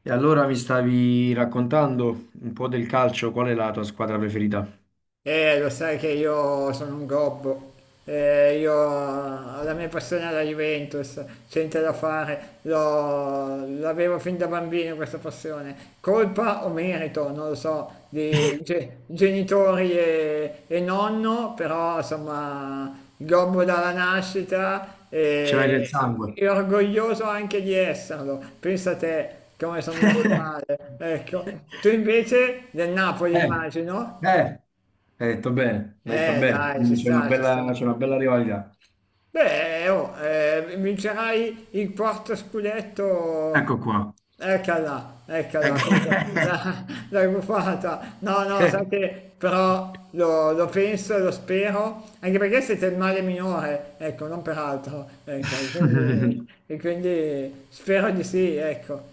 E allora mi stavi raccontando un po' del calcio, qual è la tua squadra preferita? Lo sai che io sono un gobbo. Io ho la mia passione alla Juventus, c'è niente da fare, l'avevo fin da bambino questa passione. Colpa o merito, non lo so, di genitori e nonno, però insomma, gobbo dalla nascita Ce l'hai nel e, sangue. e orgoglioso anche di esserlo. Pensa a te come sono messo male, ecco. Tu invece del Napoli, Eh, immagino. eh, hai detto bene, hai detto bene. Dai, ci Quindi c'è una sta, ci bella, sta. c'è una bella rivalità. Beh, oh, vincerai il quarto scudetto. Ecco qua. Eccola, eccola, subito. Eh. L'hai buffata. No, no, sai che però lo penso, lo spero, anche perché siete il male minore, ecco, non per altro. Ecco, quindi, e quindi spero di sì, ecco.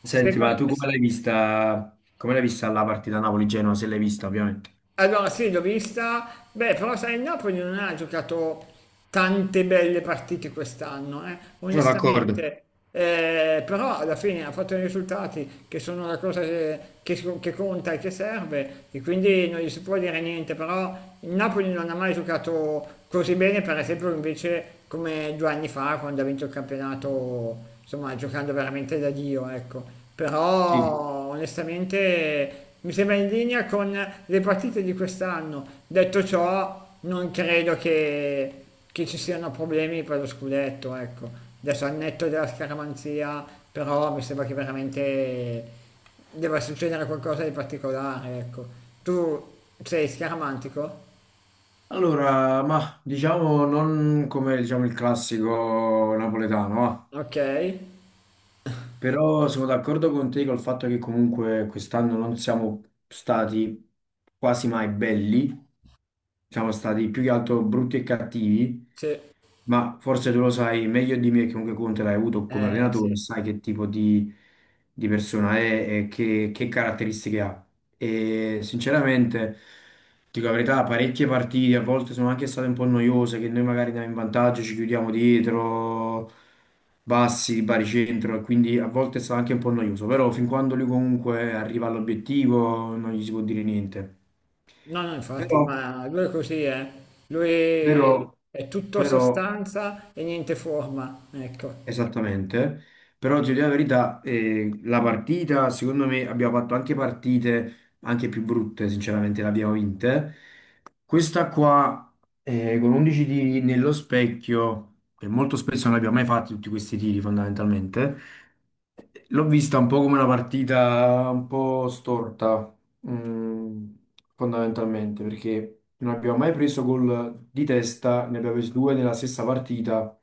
Senti, ma Secondo, tu come l'hai vista la partita Napoli-Genoa? Se l'hai vista, ovviamente. Allora sì, l'ho vista, beh, però sai, il Napoli non ha giocato tante belle partite quest'anno, Sono d'accordo. onestamente. Però alla fine ha fatto i risultati che sono la cosa che so, che conta e che serve e quindi non gli si può dire niente, però il Napoli non ha mai giocato così bene, per esempio, invece come due anni fa quando ha vinto il campionato, insomma, giocando veramente da Dio, ecco. Sì. Però onestamente mi sembra in linea con le partite di quest'anno. Detto ciò, non credo che ci siano problemi per lo scudetto, ecco. Adesso al netto della scaramanzia, però mi sembra che veramente debba succedere qualcosa di particolare, ecco. Tu sei scaramantico? Allora, ma diciamo non come diciamo, il classico napoletano, va. Ok, Però sono d'accordo con te col fatto che comunque quest'anno non siamo stati quasi mai belli, siamo stati più che altro brutti e cattivi, sì, ma forse tu lo sai meglio di me, che comunque Conte l'hai avuto come sì. allenatore, sai che tipo di persona è e che caratteristiche ha. E sinceramente, dico la verità, parecchie partite a volte sono anche state un po' noiose, che noi magari andiamo in vantaggio, ci chiudiamo dietro, bassi, baricentro, e quindi a volte è stato anche un po' noioso, però fin quando lui comunque arriva all'obiettivo non gli si può dire niente. No, no, infatti, Però, ma lui è così, eh. però, Lui è tutto però, sostanza e niente forma, ecco. esattamente, però ti dico la verità, la partita, secondo me, abbiamo fatto anche partite anche più brutte, sinceramente, le abbiamo vinte. Questa qua, con 11 tiri nello specchio, e molto spesso non abbiamo mai fatto tutti questi tiri fondamentalmente, l'ho vista un po' come una partita un po' storta, mm, fondamentalmente, perché non abbiamo mai preso gol di testa, ne abbiamo presi due nella stessa partita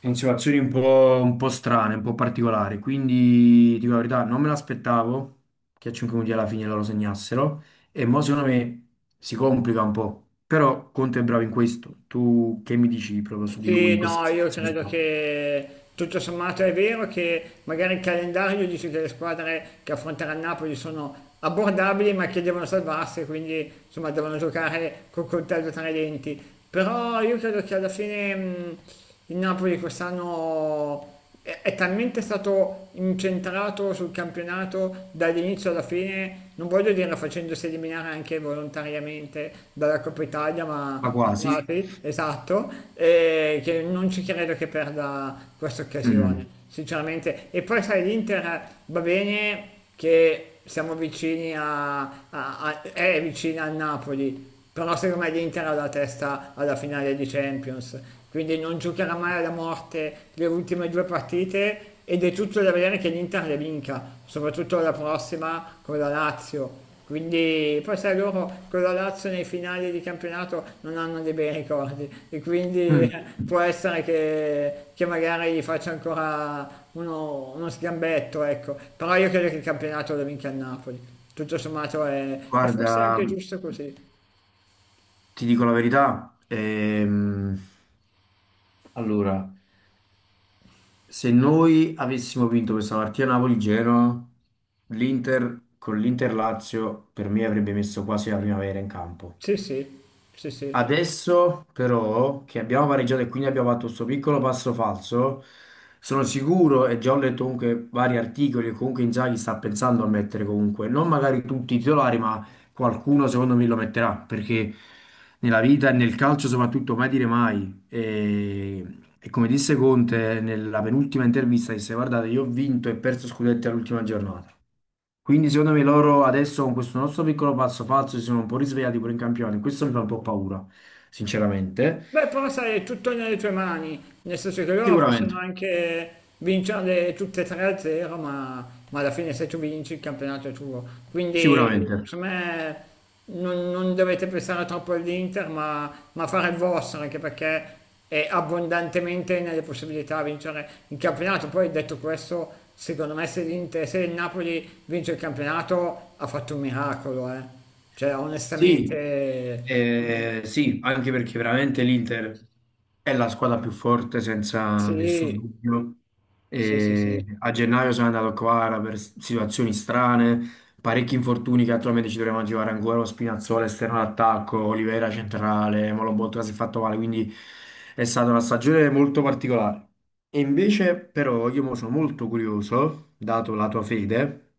in situazioni un po' strane, un po' particolari. Quindi, dico la verità, non me l'aspettavo che a 5 minuti alla fine loro segnassero. E mo' secondo me si complica un po'. Però Conte è bravo in questo. Tu che mi dici proprio su di lui in Sì, questa no, io situazione credo qua? che tutto sommato è vero che magari il calendario dice che le squadre che affronterà il Napoli sono abbordabili ma che devono salvarsi, quindi insomma devono giocare col coltello tra i denti. Però io credo che alla fine il Napoli quest'anno è talmente stato incentrato sul campionato dall'inizio alla fine, non voglio dire facendosi eliminare anche volontariamente dalla Coppa Italia, Ma ma quasi. quasi, esatto, e che non ci credo che perda questa occasione, Mm. sinceramente. E poi sai, l'Inter va bene che siamo vicini è vicina al Napoli, però secondo me l'Inter ha la testa alla finale di Champions, quindi non giocherà mai alla morte le ultime due partite ed è tutto da vedere che l'Inter le vinca, soprattutto la prossima con la Lazio. Quindi poi sai loro con la Lazio nei finali di campionato non hanno dei bei ricordi e quindi Mm. può essere che magari gli faccia ancora uno sgambetto, ecco. Però io credo che il campionato lo vinca il Napoli. Tutto sommato è forse Guarda, anche giusto così. ti dico la verità. Allora. Se noi avessimo vinto questa partita Napoli-Genoa, l'Inter con l'Inter-Lazio per me avrebbe messo quasi la primavera in campo. Sì, sì, sì, sì. Adesso però che abbiamo pareggiato e quindi abbiamo fatto questo piccolo passo falso, sono sicuro e già ho letto comunque vari articoli, e comunque Inzaghi sta pensando a mettere comunque, non magari tutti i titolari, ma qualcuno secondo me lo metterà, perché nella vita e nel calcio soprattutto mai dire mai. E come disse Conte nella penultima intervista, disse guardate, io ho vinto e perso scudetti all'ultima giornata. Quindi secondo me loro adesso con questo nostro piccolo passo falso si sono un po' risvegliati pure in campione. Questo mi fa un po' paura, sinceramente. Beh, però sai, è tutto nelle tue mani, nel senso che loro possono Sicuramente, anche vincere tutte e tre a zero, ma alla fine se tu vinci il campionato è tuo. Quindi, sicuramente. secondo me, non dovete pensare troppo all'Inter, ma fare il vostro, anche perché è abbondantemente nelle possibilità di vincere il campionato. Poi, detto questo, secondo me se l'Inter, se il Napoli vince il campionato, ha fatto un miracolo, eh. Cioè, Sì, onestamente... sì, anche perché veramente l'Inter è la squadra più forte senza nessun Sì, dubbio. sì, sì, E sì. a gennaio sono andato qua per situazioni strane. Parecchi infortuni che attualmente ci dovremmo aggirare ancora, lo Spinazzola esterno d'attacco, Oliveira centrale, Molobotka si è fatto male, quindi è stata una stagione molto particolare. E invece però io mo sono molto curioso, dato la tua fede,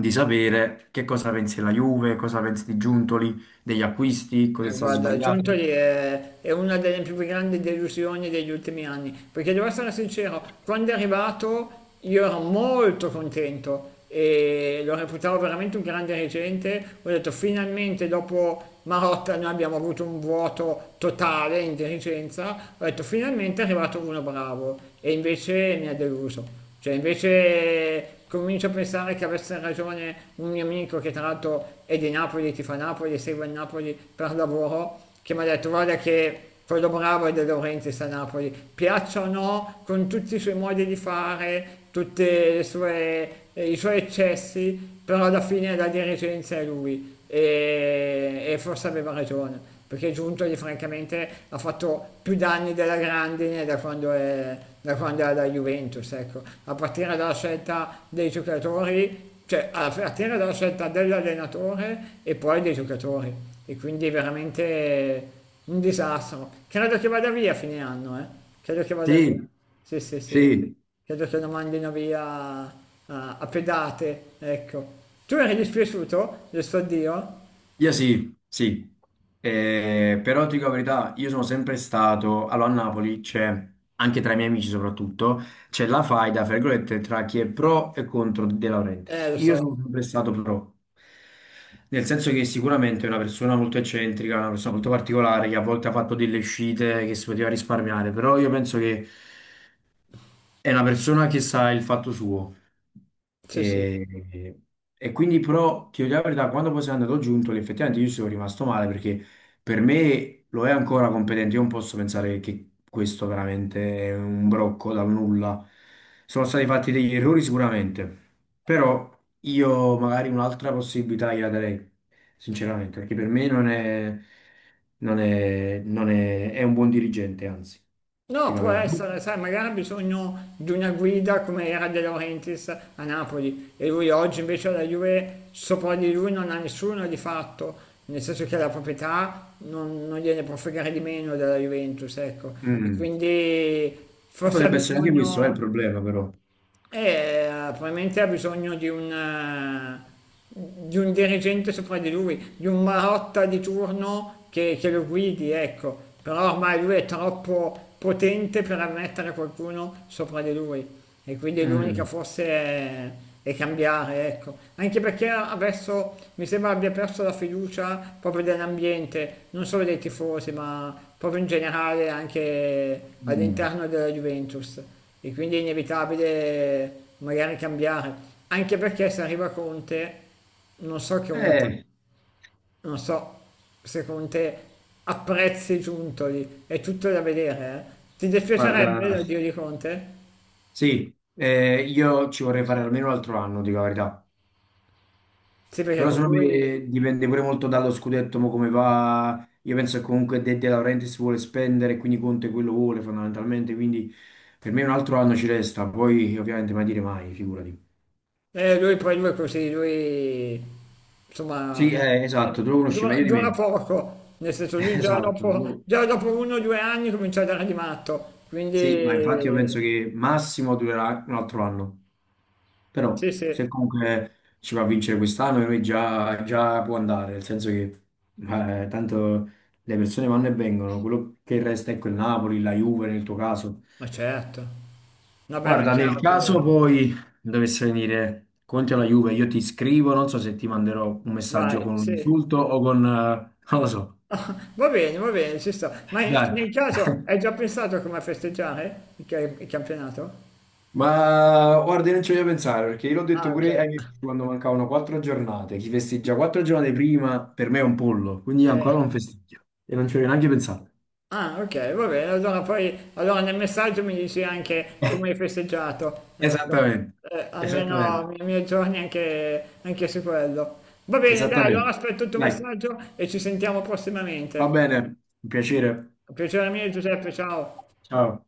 di sapere che cosa pensi della Juve, cosa pensi di Giuntoli, degli acquisti, cosa è stato Guarda, sbagliato. Giuntoli è una delle più grandi delusioni degli ultimi anni, perché devo essere sincero, quando è arrivato io ero molto contento e lo reputavo veramente un grande dirigente, ho detto finalmente dopo Marotta noi abbiamo avuto un vuoto totale in dirigenza, ho detto finalmente è arrivato uno bravo e invece mi ha deluso. Cioè, invece comincio a pensare che avesse ragione un mio amico che tra l'altro è di Napoli, ti fa Napoli, segue il Napoli per lavoro, che mi ha detto guarda che quello bravo è De Laurentiis a Napoli, piaccia o no, con tutti i suoi modi di fare, tutti i suoi eccessi, però alla fine la dirigenza è lui e forse aveva ragione. Perché Giuntoli francamente ha fatto più danni della grandine da quando era la Juventus, ecco, a partire dalla scelta dei giocatori, cioè a partire dalla scelta dell'allenatore e poi dei giocatori. E quindi è veramente un disastro. Credo che vada via a fine anno, eh. Credo che vada via. Sì, Sì, sì, sì. sì. Credo che lo mandino via a pedate, ecco. Tu eri dispiaciuto del suo addio? Io sì, sì, eh, però ti dico la verità, io sono sempre stato, allora a Napoli c'è, anche tra i miei amici soprattutto, c'è la faida, fra virgolette, tra chi è pro e contro De Laurentiis. Lo Io so. sono sempre stato pro, nel senso che sicuramente è una persona molto eccentrica, una persona molto particolare, che a volte ha fatto delle uscite che si poteva risparmiare, però io penso che è una persona che sa il fatto suo. Sì, sì. E, e quindi però ti voglio dire la verità, quando poi sei andato giunto, effettivamente io ci sono rimasto male perché per me lo è ancora competente, io non posso pensare che questo veramente è un brocco dal nulla. Sono stati fatti degli errori sicuramente, però io magari un'altra possibilità gliela darei, sinceramente, perché per me non è, è un buon dirigente, anzi, No, ti dico può la verità. essere, sai, magari ha bisogno di una guida come era De Laurentiis a Napoli e lui oggi invece alla Juve sopra di lui non ha nessuno di fatto, nel senso che la proprietà non gliene può fregare di meno della Juventus, ecco, e Mm. quindi E forse ha potrebbe essere anche questo, è il bisogno... problema però. Probabilmente ha bisogno di di un dirigente sopra di lui, di un Marotta di turno che lo guidi, ecco. Però ormai lui è troppo potente per ammettere qualcuno sopra di lui. E quindi l'unica Mm, forse è cambiare, ecco. Anche perché adesso mi sembra abbia perso la fiducia proprio dell'ambiente, non solo dei tifosi, ma proprio in generale anche mm. all'interno della Juventus. E quindi è inevitabile magari cambiare. Anche perché se arriva Conte, non so che Conte, Eh, non so se Conte apprezzi Giuntoli, è tutto da vedere, eh. Ti guarda, dispiacerebbe l'addio di Conte? sì, io ci vorrei fare almeno un altro anno, dico la verità. Sì, perché Però con secondo lui... me dipende pure molto dallo scudetto, mo come va. Io penso che comunque De Laurentiis vuole spendere, quindi Conte quello vuole fondamentalmente, quindi per me un altro anno ci resta, poi ovviamente mai dire mai, figurati. Lui poi lui è così, lui Sì, insomma esatto, tu lo conosci dura, meglio di dura me. poco, nel senso lui già Esatto, dopo, tu- già dopo uno o due anni comincia a dare di matto, quindi sì, ma infatti io penso che massimo durerà un altro anno. Però sì, se sì, comunque ci va a vincere quest'anno, lui già può andare, nel senso che tanto le persone vanno e vengono, quello che resta è quel Napoli, la Juve nel tuo caso. ma certo, vabbè ma è Guarda, nel chiaro caso che poi dovesse venire Conte alla Juve, io ti scrivo, non so se ti manderò un messaggio vai, con un sì. insulto o con... non lo so. Ah, va bene, ci sta, ma Dai. nel caso hai già pensato come festeggiare il campionato? Ma guarda, io non ci voglio pensare perché io l'ho detto Ah, ok. pure ai miei amici quando mancavano 4 giornate. Chi festeggia quattro giornate prima per me è un pollo, quindi io Eh, ancora non festeggio e non ci voglio neanche pensare. Ah, ok, va bene. Allora poi allora nel messaggio mi dici anche come hai festeggiato, ecco. Esattamente, esattamente, Almeno i miei giorni anche, anche su quello. Va bene, dai, allora esattamente. aspetto il tuo Dai, messaggio e ci sentiamo va prossimamente. bene, un piacere. Piacere mio, Giuseppe, ciao. Ciao.